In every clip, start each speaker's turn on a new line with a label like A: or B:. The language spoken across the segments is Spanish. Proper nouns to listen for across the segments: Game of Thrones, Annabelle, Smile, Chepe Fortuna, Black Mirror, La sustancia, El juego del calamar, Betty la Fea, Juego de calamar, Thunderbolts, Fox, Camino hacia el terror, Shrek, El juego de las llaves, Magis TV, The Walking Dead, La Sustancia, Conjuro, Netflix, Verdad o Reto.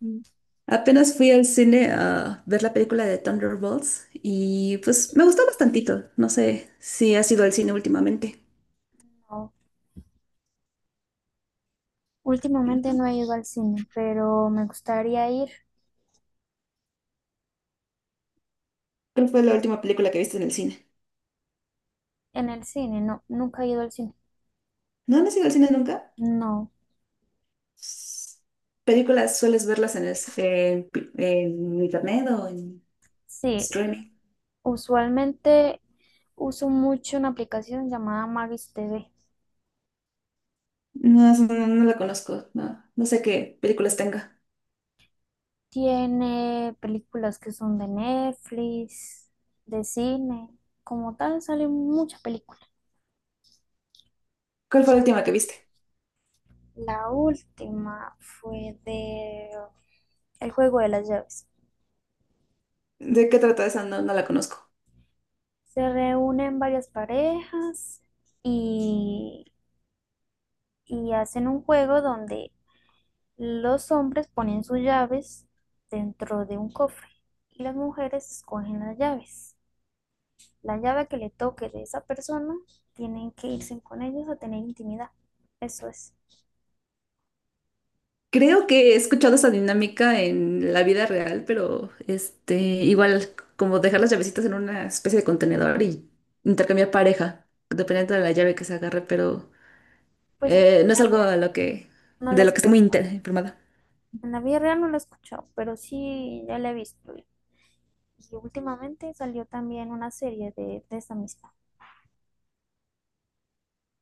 A: Mm. Apenas fui al cine a ver la película de Thunderbolts y pues me gustó bastantito. No sé si has ido al cine últimamente.
B: No. Últimamente no he ido al cine, pero me gustaría ir
A: ¿Cuál fue la última película que viste en el cine?
B: en el cine. No, nunca he ido al cine.
A: ¿No, no has ido al cine nunca?
B: No.
A: S- ¿Películas sueles verlas en, en internet o en
B: Sí,
A: streaming?
B: usualmente uso mucho una aplicación llamada Magis TV.
A: No, no la conozco. No, no sé qué películas tenga.
B: Tiene películas que son de Netflix, de cine. Como tal, salen muchas películas.
A: ¿Cuál fue la última que viste?
B: La última fue de El juego de las llaves.
A: ¿De qué trata esa? No, no la conozco.
B: Se reúnen varias parejas y hacen un juego donde los hombres ponen sus llaves dentro de un cofre y las mujeres escogen las llaves. La llave que le toque de esa persona, tienen que irse con ellos a tener intimidad. Eso es.
A: Creo que he escuchado esa dinámica en la vida real, pero igual como dejar las llavecitas en una especie de contenedor y intercambiar pareja, dependiendo de la llave que se agarre, pero
B: Pues
A: no es algo a lo
B: no la
A: de
B: he
A: lo que estoy muy
B: escuchado.
A: informada.
B: En la vida real no la he escuchado, pero sí ya la he visto. Y últimamente salió también una serie de esa misma.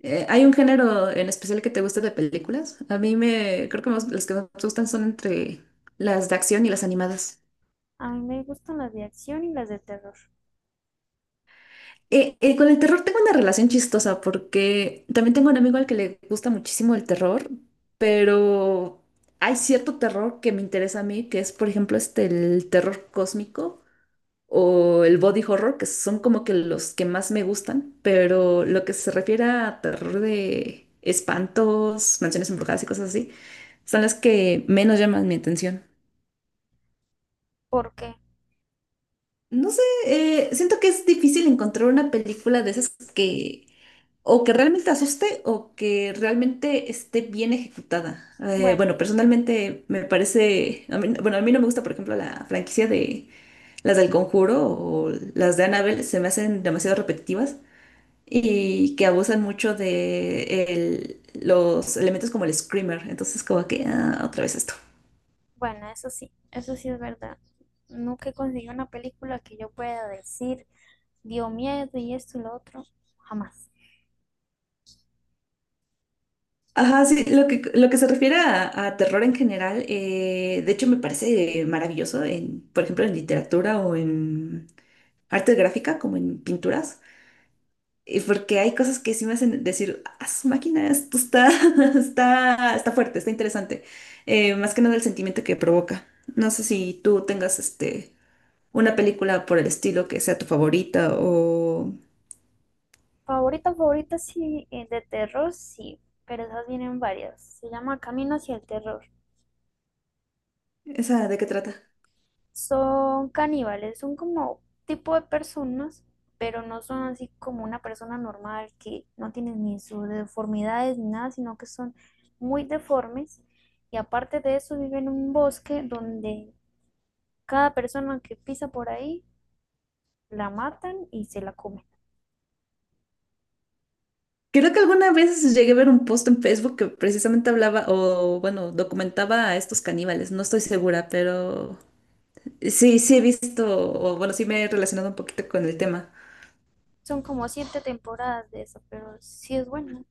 A: ¿Hay un género en especial que te guste de películas? Creo que las que más me gustan son entre las de acción y las animadas.
B: A mí me gustan las de acción y las de terror.
A: Con el terror tengo una relación chistosa porque también tengo un amigo al que le gusta muchísimo el terror, pero hay cierto terror que me interesa a mí, que es por ejemplo el terror cósmico o el body horror, que son como que los que más me gustan, pero lo que se refiere a terror de espantos, mansiones embrujadas y cosas así, son las que menos llaman mi atención.
B: ¿Por qué?
A: No sé, siento que es difícil encontrar una película de esas que o que realmente asuste o que realmente esté bien ejecutada.
B: Bueno,
A: Bueno, personalmente me parece, bueno, a mí no me gusta, por ejemplo, la franquicia de las del Conjuro o las de Annabelle, se me hacen demasiado repetitivas y que abusan mucho de los elementos como el screamer. Entonces, como que, ah, otra vez esto.
B: Bueno, eso sí es verdad. Nunca he conseguido una película que yo pueda decir, dio miedo y esto y lo otro, jamás.
A: Ajá, sí, lo que se refiere a terror en general, de hecho me parece maravilloso, por ejemplo, en literatura o en arte gráfica, como en pinturas, porque hay cosas que sí me hacen decir, ah, su máquina, esto está, está fuerte, está interesante. Más que nada el sentimiento que provoca. No sé si tú tengas una película por el estilo que sea tu favorita o
B: Favorita, favorita, sí, de terror, sí, pero esas vienen varias. Se llama Camino hacia el terror.
A: esa, ¿de qué trata?
B: Son caníbales, son como tipo de personas, pero no son así como una persona normal que no tiene ni sus deformidades ni nada, sino que son muy deformes. Y aparte de eso, viven en un bosque donde cada persona que pisa por ahí la matan y se la comen.
A: Creo que alguna vez llegué a ver un post en Facebook que precisamente hablaba o, bueno, documentaba a estos caníbales. No estoy segura, pero sí, sí he visto, o bueno, sí me he relacionado un poquito con el tema.
B: Son como siete temporadas de eso, pero sí es bueno.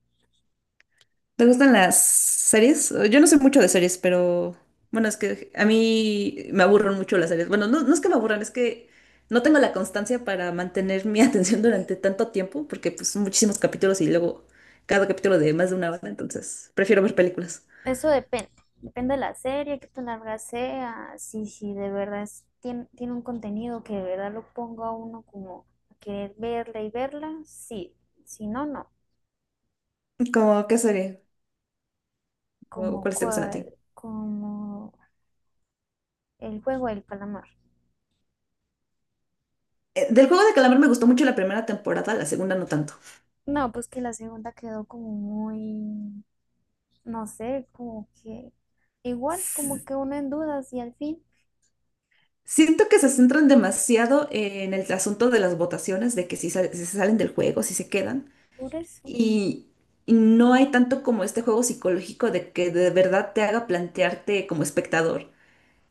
A: ¿Te gustan las series? Yo no sé mucho de series, pero bueno, es que a mí me aburren mucho las series. Bueno, no, no es que me aburran, es que no tengo la constancia para mantener mi atención durante tanto tiempo, porque pues son muchísimos capítulos y luego cada capítulo de más de una hora, entonces prefiero ver películas.
B: Eso depende. Depende de la serie, qué tan larga sea, si de verdad tiene, tiene un contenido que de verdad lo ponga a uno como a querer verla y verla, sí. Si no, no.
A: ¿Cómo qué serie? ¿O
B: Como
A: cuáles te gustan a
B: cual,
A: ti?
B: como el juego del calamar.
A: Del juego de calamar me gustó mucho la primera temporada, la segunda no tanto.
B: No, pues que la segunda quedó como muy, no sé, como que igual, como
A: S-
B: que uno en dudas y al fin.
A: Siento que se centran demasiado en el asunto de las votaciones, de que si se salen del juego, si se quedan.
B: Por eso,
A: Y, y no hay tanto como este juego psicológico de que de verdad te haga plantearte como espectador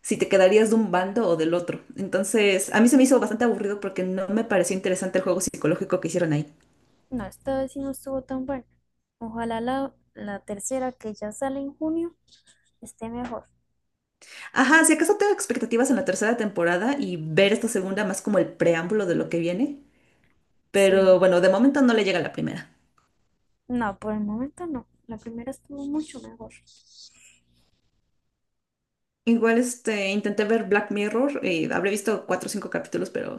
A: si te quedarías de un bando o del otro. Entonces, a mí se me hizo bastante aburrido porque no me pareció interesante el juego psicológico que hicieron ahí.
B: no, esta vez sí no estuvo tan buena. Ojalá la tercera que ya sale en junio esté mejor.
A: Ajá, si acaso tengo expectativas en la tercera temporada y ver esta segunda más como el preámbulo de lo que viene,
B: Sí,
A: pero bueno, de momento no le llega a la primera.
B: no, por el momento no. La primera estuvo mucho mejor.
A: Igual intenté ver Black Mirror, y habré visto cuatro o cinco capítulos, pero...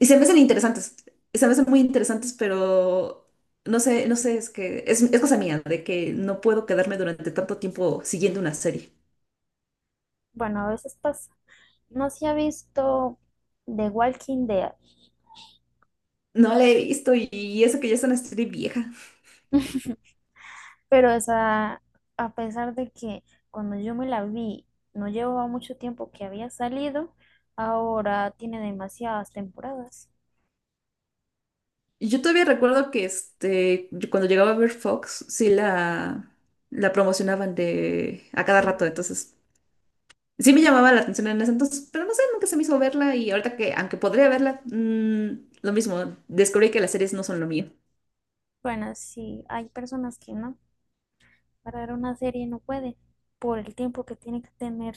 A: Y se me hacen interesantes, se me hacen muy interesantes, pero no sé, no sé, es que es cosa mía, de que no puedo quedarme durante tanto tiempo siguiendo una serie.
B: Bueno, a veces pasa. No se ha visto The Walking Dead,
A: No la he visto y eso que ya es una serie vieja.
B: pero esa, a pesar de que cuando yo me la vi, no llevaba mucho tiempo que había salido, ahora tiene demasiadas temporadas.
A: Yo todavía recuerdo que yo cuando llegaba a ver Fox, sí la promocionaban de a cada
B: Sí,
A: rato, entonces sí me llamaba la atención en ese entonces, pero no sé, nunca se me hizo verla y ahorita que, aunque podría verla, lo mismo, descubrí que las series no son lo mío.
B: bueno, sí, hay personas que no, para ver una serie no puede, por el tiempo que tiene que tener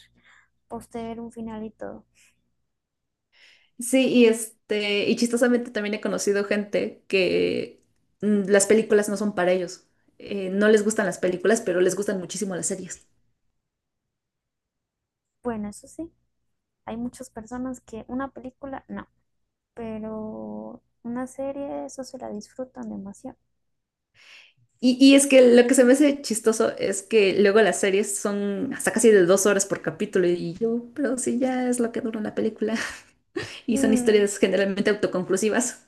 B: posterior un final y todo.
A: Sí, y chistosamente también he conocido gente que las películas no son para ellos. No les gustan las películas, pero les gustan muchísimo las series.
B: Bueno, eso sí, hay muchas personas que una película no, pero una serie eso se la disfrutan demasiado.
A: Y es que lo que se me hace chistoso es que luego las series son hasta casi de 2 horas por capítulo y yo, pero sí, ya es lo que dura la película y son
B: Mm,
A: historias generalmente autoconclusivas.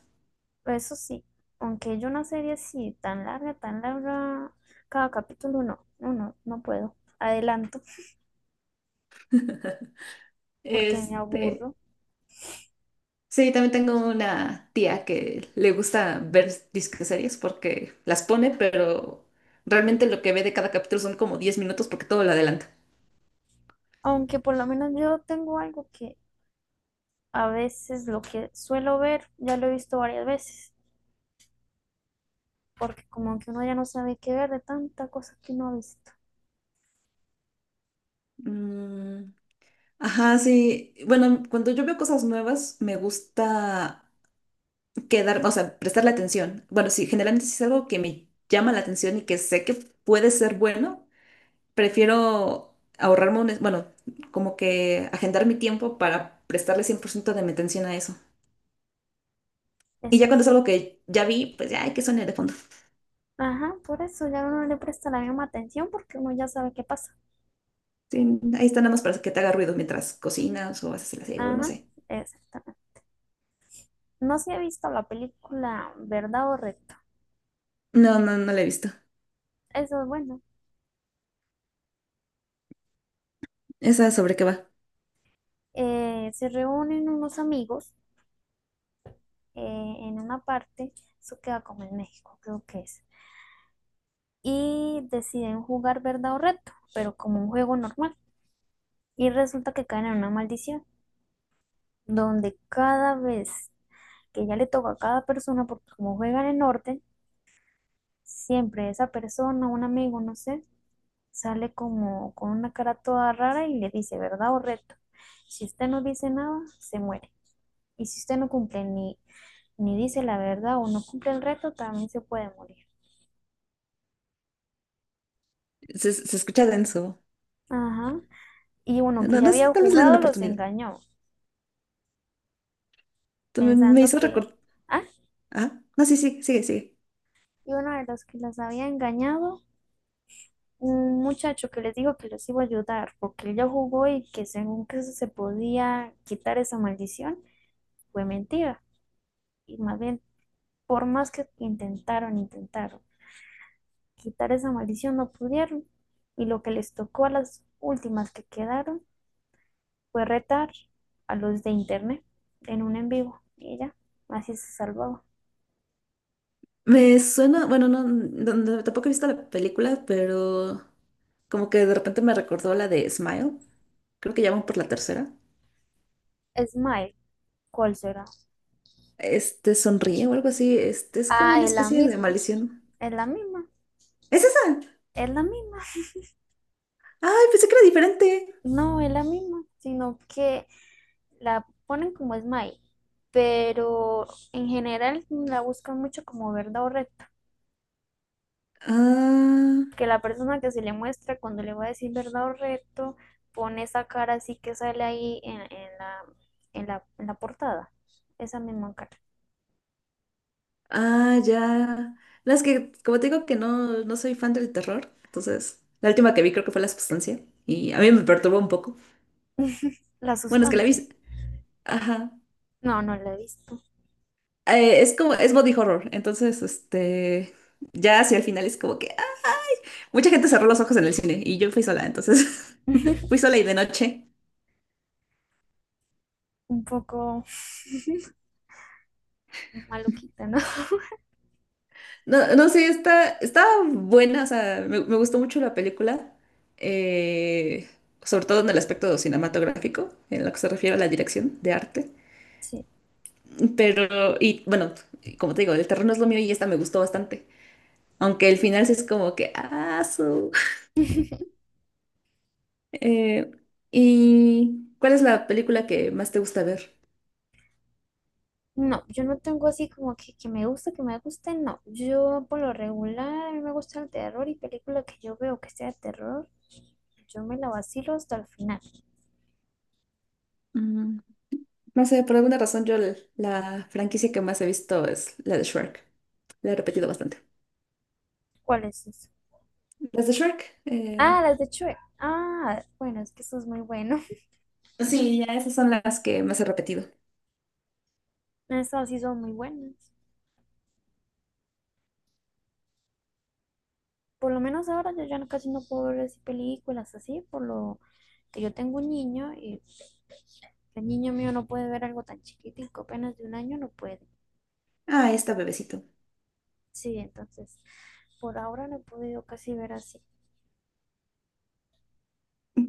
B: eso sí, aunque yo una serie así tan larga, cada capítulo no puedo. Adelanto porque me
A: Este,
B: aburro.
A: sí, también tengo una tía que le gusta ver disque series porque las pone, pero realmente lo que ve de cada capítulo son como 10 minutos porque todo lo adelanta.
B: Aunque por lo menos yo tengo algo que a veces lo que suelo ver ya lo he visto varias veces, porque como que uno ya no sabe qué ver de tantas cosas que uno ha visto.
A: Mm, ajá, sí. Bueno, cuando yo veo cosas nuevas, me gusta quedar, o sea, prestarle atención. Bueno, si generalmente si es algo que me llama la atención y que sé que puede ser bueno, prefiero ahorrarme bueno, como que agendar mi tiempo para prestarle 100% de mi atención a eso. Y
B: Eso
A: ya cuando es
B: sí.
A: algo que ya vi, pues ya hay que sonar de fondo.
B: Ajá, por eso ya uno no le presta la misma atención porque uno ya sabe qué pasa.
A: Sí, ahí está nada más para que te haga ruido mientras cocinas o haces el aseo, no
B: Ajá,
A: sé.
B: exactamente. No se ha visto la película Verdad o Reto.
A: No, no, no la he visto.
B: Eso es bueno.
A: ¿Esa sobre qué va?
B: Se reúnen unos amigos en una parte, eso queda como en México, creo que es. Y deciden jugar Verdad o Reto, pero como un juego normal. Y resulta que caen en una maldición, donde cada vez que ya le toca a cada persona, porque como juega en el norte, siempre esa persona, un amigo, no sé, sale como con una cara toda rara y le dice verdad o reto. Si usted no dice nada, se muere. Y si usted no cumple ni dice la verdad o no cumple el reto, también se puede morir.
A: Se escucha denso.
B: Ajá. Y uno que
A: No,
B: ya
A: no sé,
B: había
A: tal vez le dé una
B: jugado los
A: oportunidad.
B: engañó,
A: Tú Me me
B: pensando
A: hizo
B: que,
A: recordar.
B: ah,
A: Ah, no, sí, sí, sigue, sigue.
B: y uno de los que los había engañado un muchacho que les dijo que los iba a ayudar porque ella jugó y que según que se podía quitar esa maldición, fue mentira. Y más bien, por más que intentaron quitar esa maldición, no pudieron. Y lo que les tocó a las últimas que quedaron fue retar a los de internet en un en vivo. Y ella así se salvaba.
A: Me suena, bueno, no, no, tampoco he visto la película, pero como que de repente me recordó la de Smile, creo que llaman por la tercera.
B: Smile, ¿cuál será?
A: Este sonríe o algo así, este es como
B: Ah,
A: una especie de maldición.
B: es la misma,
A: ¿Es esa?
B: es la misma.
A: Ay, pensé que era diferente.
B: No, es la misma, sino que la ponen como Smile, pero en general la buscan mucho como verdad o reto,
A: Ah,
B: que la persona que se le muestra cuando le va a decir verdad o reto pone esa cara así que sale ahí en la portada, esa misma cara.
A: ah, ya. No, es que, como te digo que no, no soy fan del terror, entonces la última que vi creo que fue La Sustancia y a mí me perturbó un poco.
B: La
A: Bueno, es que la vi,
B: sustancia.
A: ajá,
B: No, no la he visto.
A: es como, es body horror, entonces, ya hacia el final es como que ah, mucha gente cerró los ojos en el cine y yo fui sola, entonces fui sola y de noche.
B: Un poco maluquita, ¿no?
A: No, no sé, está buena, o sea, me gustó mucho la película, eh, sobre todo en el aspecto cinematográfico, en lo que se refiere a la dirección de arte,
B: Sí.
A: pero, y bueno, como te digo, el terreno es lo mío y esta me gustó bastante, aunque el final sí es como que. Eh, ¿Y cuál es la película que más te gusta ver?
B: No, yo no tengo así como que, que me guste, no. Yo por lo regular me gusta el terror y película que yo veo que sea de terror, yo me la vacilo hasta el final.
A: Mm, No sé, por alguna razón yo la franquicia que más he visto es la de Shrek. La he repetido bastante.
B: ¿Cuál es eso?
A: Las de Shrek,
B: Ah, las de Chue. Ah, bueno, es que eso es muy bueno.
A: sí, ya esas son las que más he repetido.
B: Esas sí son muy buenas. Por lo menos ahora yo casi no puedo ver así películas así, por lo que yo tengo un niño y el niño mío no puede ver algo tan chiquitico, apenas de 1 año no puede.
A: Ah, ahí está bebecito.
B: Sí, entonces por ahora no he podido casi ver así.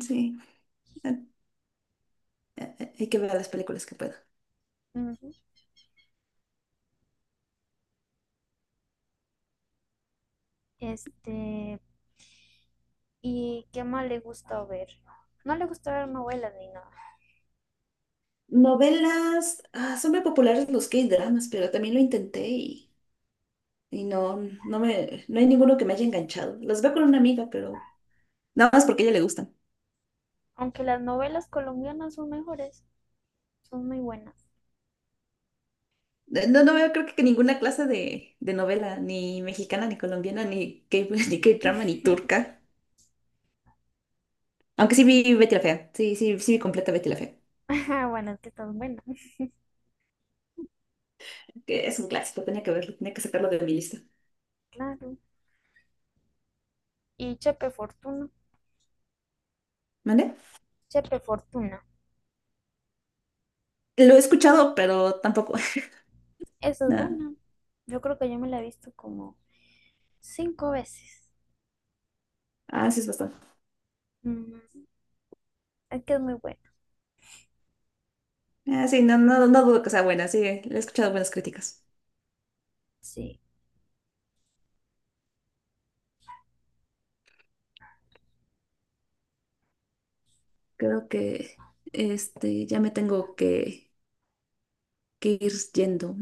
A: Sí, eh, hay que ver las películas que puedo.
B: Ujú. Este, ¿y qué más le gusta ver? No le gusta ver novelas ni nada,
A: Novelas, ah, son muy populares los K-dramas, pero también lo intenté y no, no hay ninguno que me haya enganchado. Los veo con una amiga, pero nada más porque a ella le gustan.
B: aunque las novelas colombianas son mejores, son muy buenas.
A: No, no veo creo que ninguna clase de novela, ni mexicana, ni colombiana, ni K, ni K-drama, ni turca. Aunque sí vi Betty la Fea. Sí, sí, sí vi completa Betty la Fea.
B: Bueno, es que están buenas,
A: Que es un clásico, tenía que verlo, tenía que sacarlo de mi lista.
B: claro. Y Chepe Fortuna,
A: ¿Vale?
B: Chepe Fortuna,
A: Lo he escuchado, pero tampoco.
B: esa es
A: No.
B: buena. Yo creo que yo me la he visto como 5 veces.
A: Ah, sí es bastante.
B: Mm, es que es muy buena,
A: Ah, sí, no, no, no dudo que sea buena, sí, le he escuchado buenas críticas.
B: sí.
A: Creo que ya me tengo que ir yendo.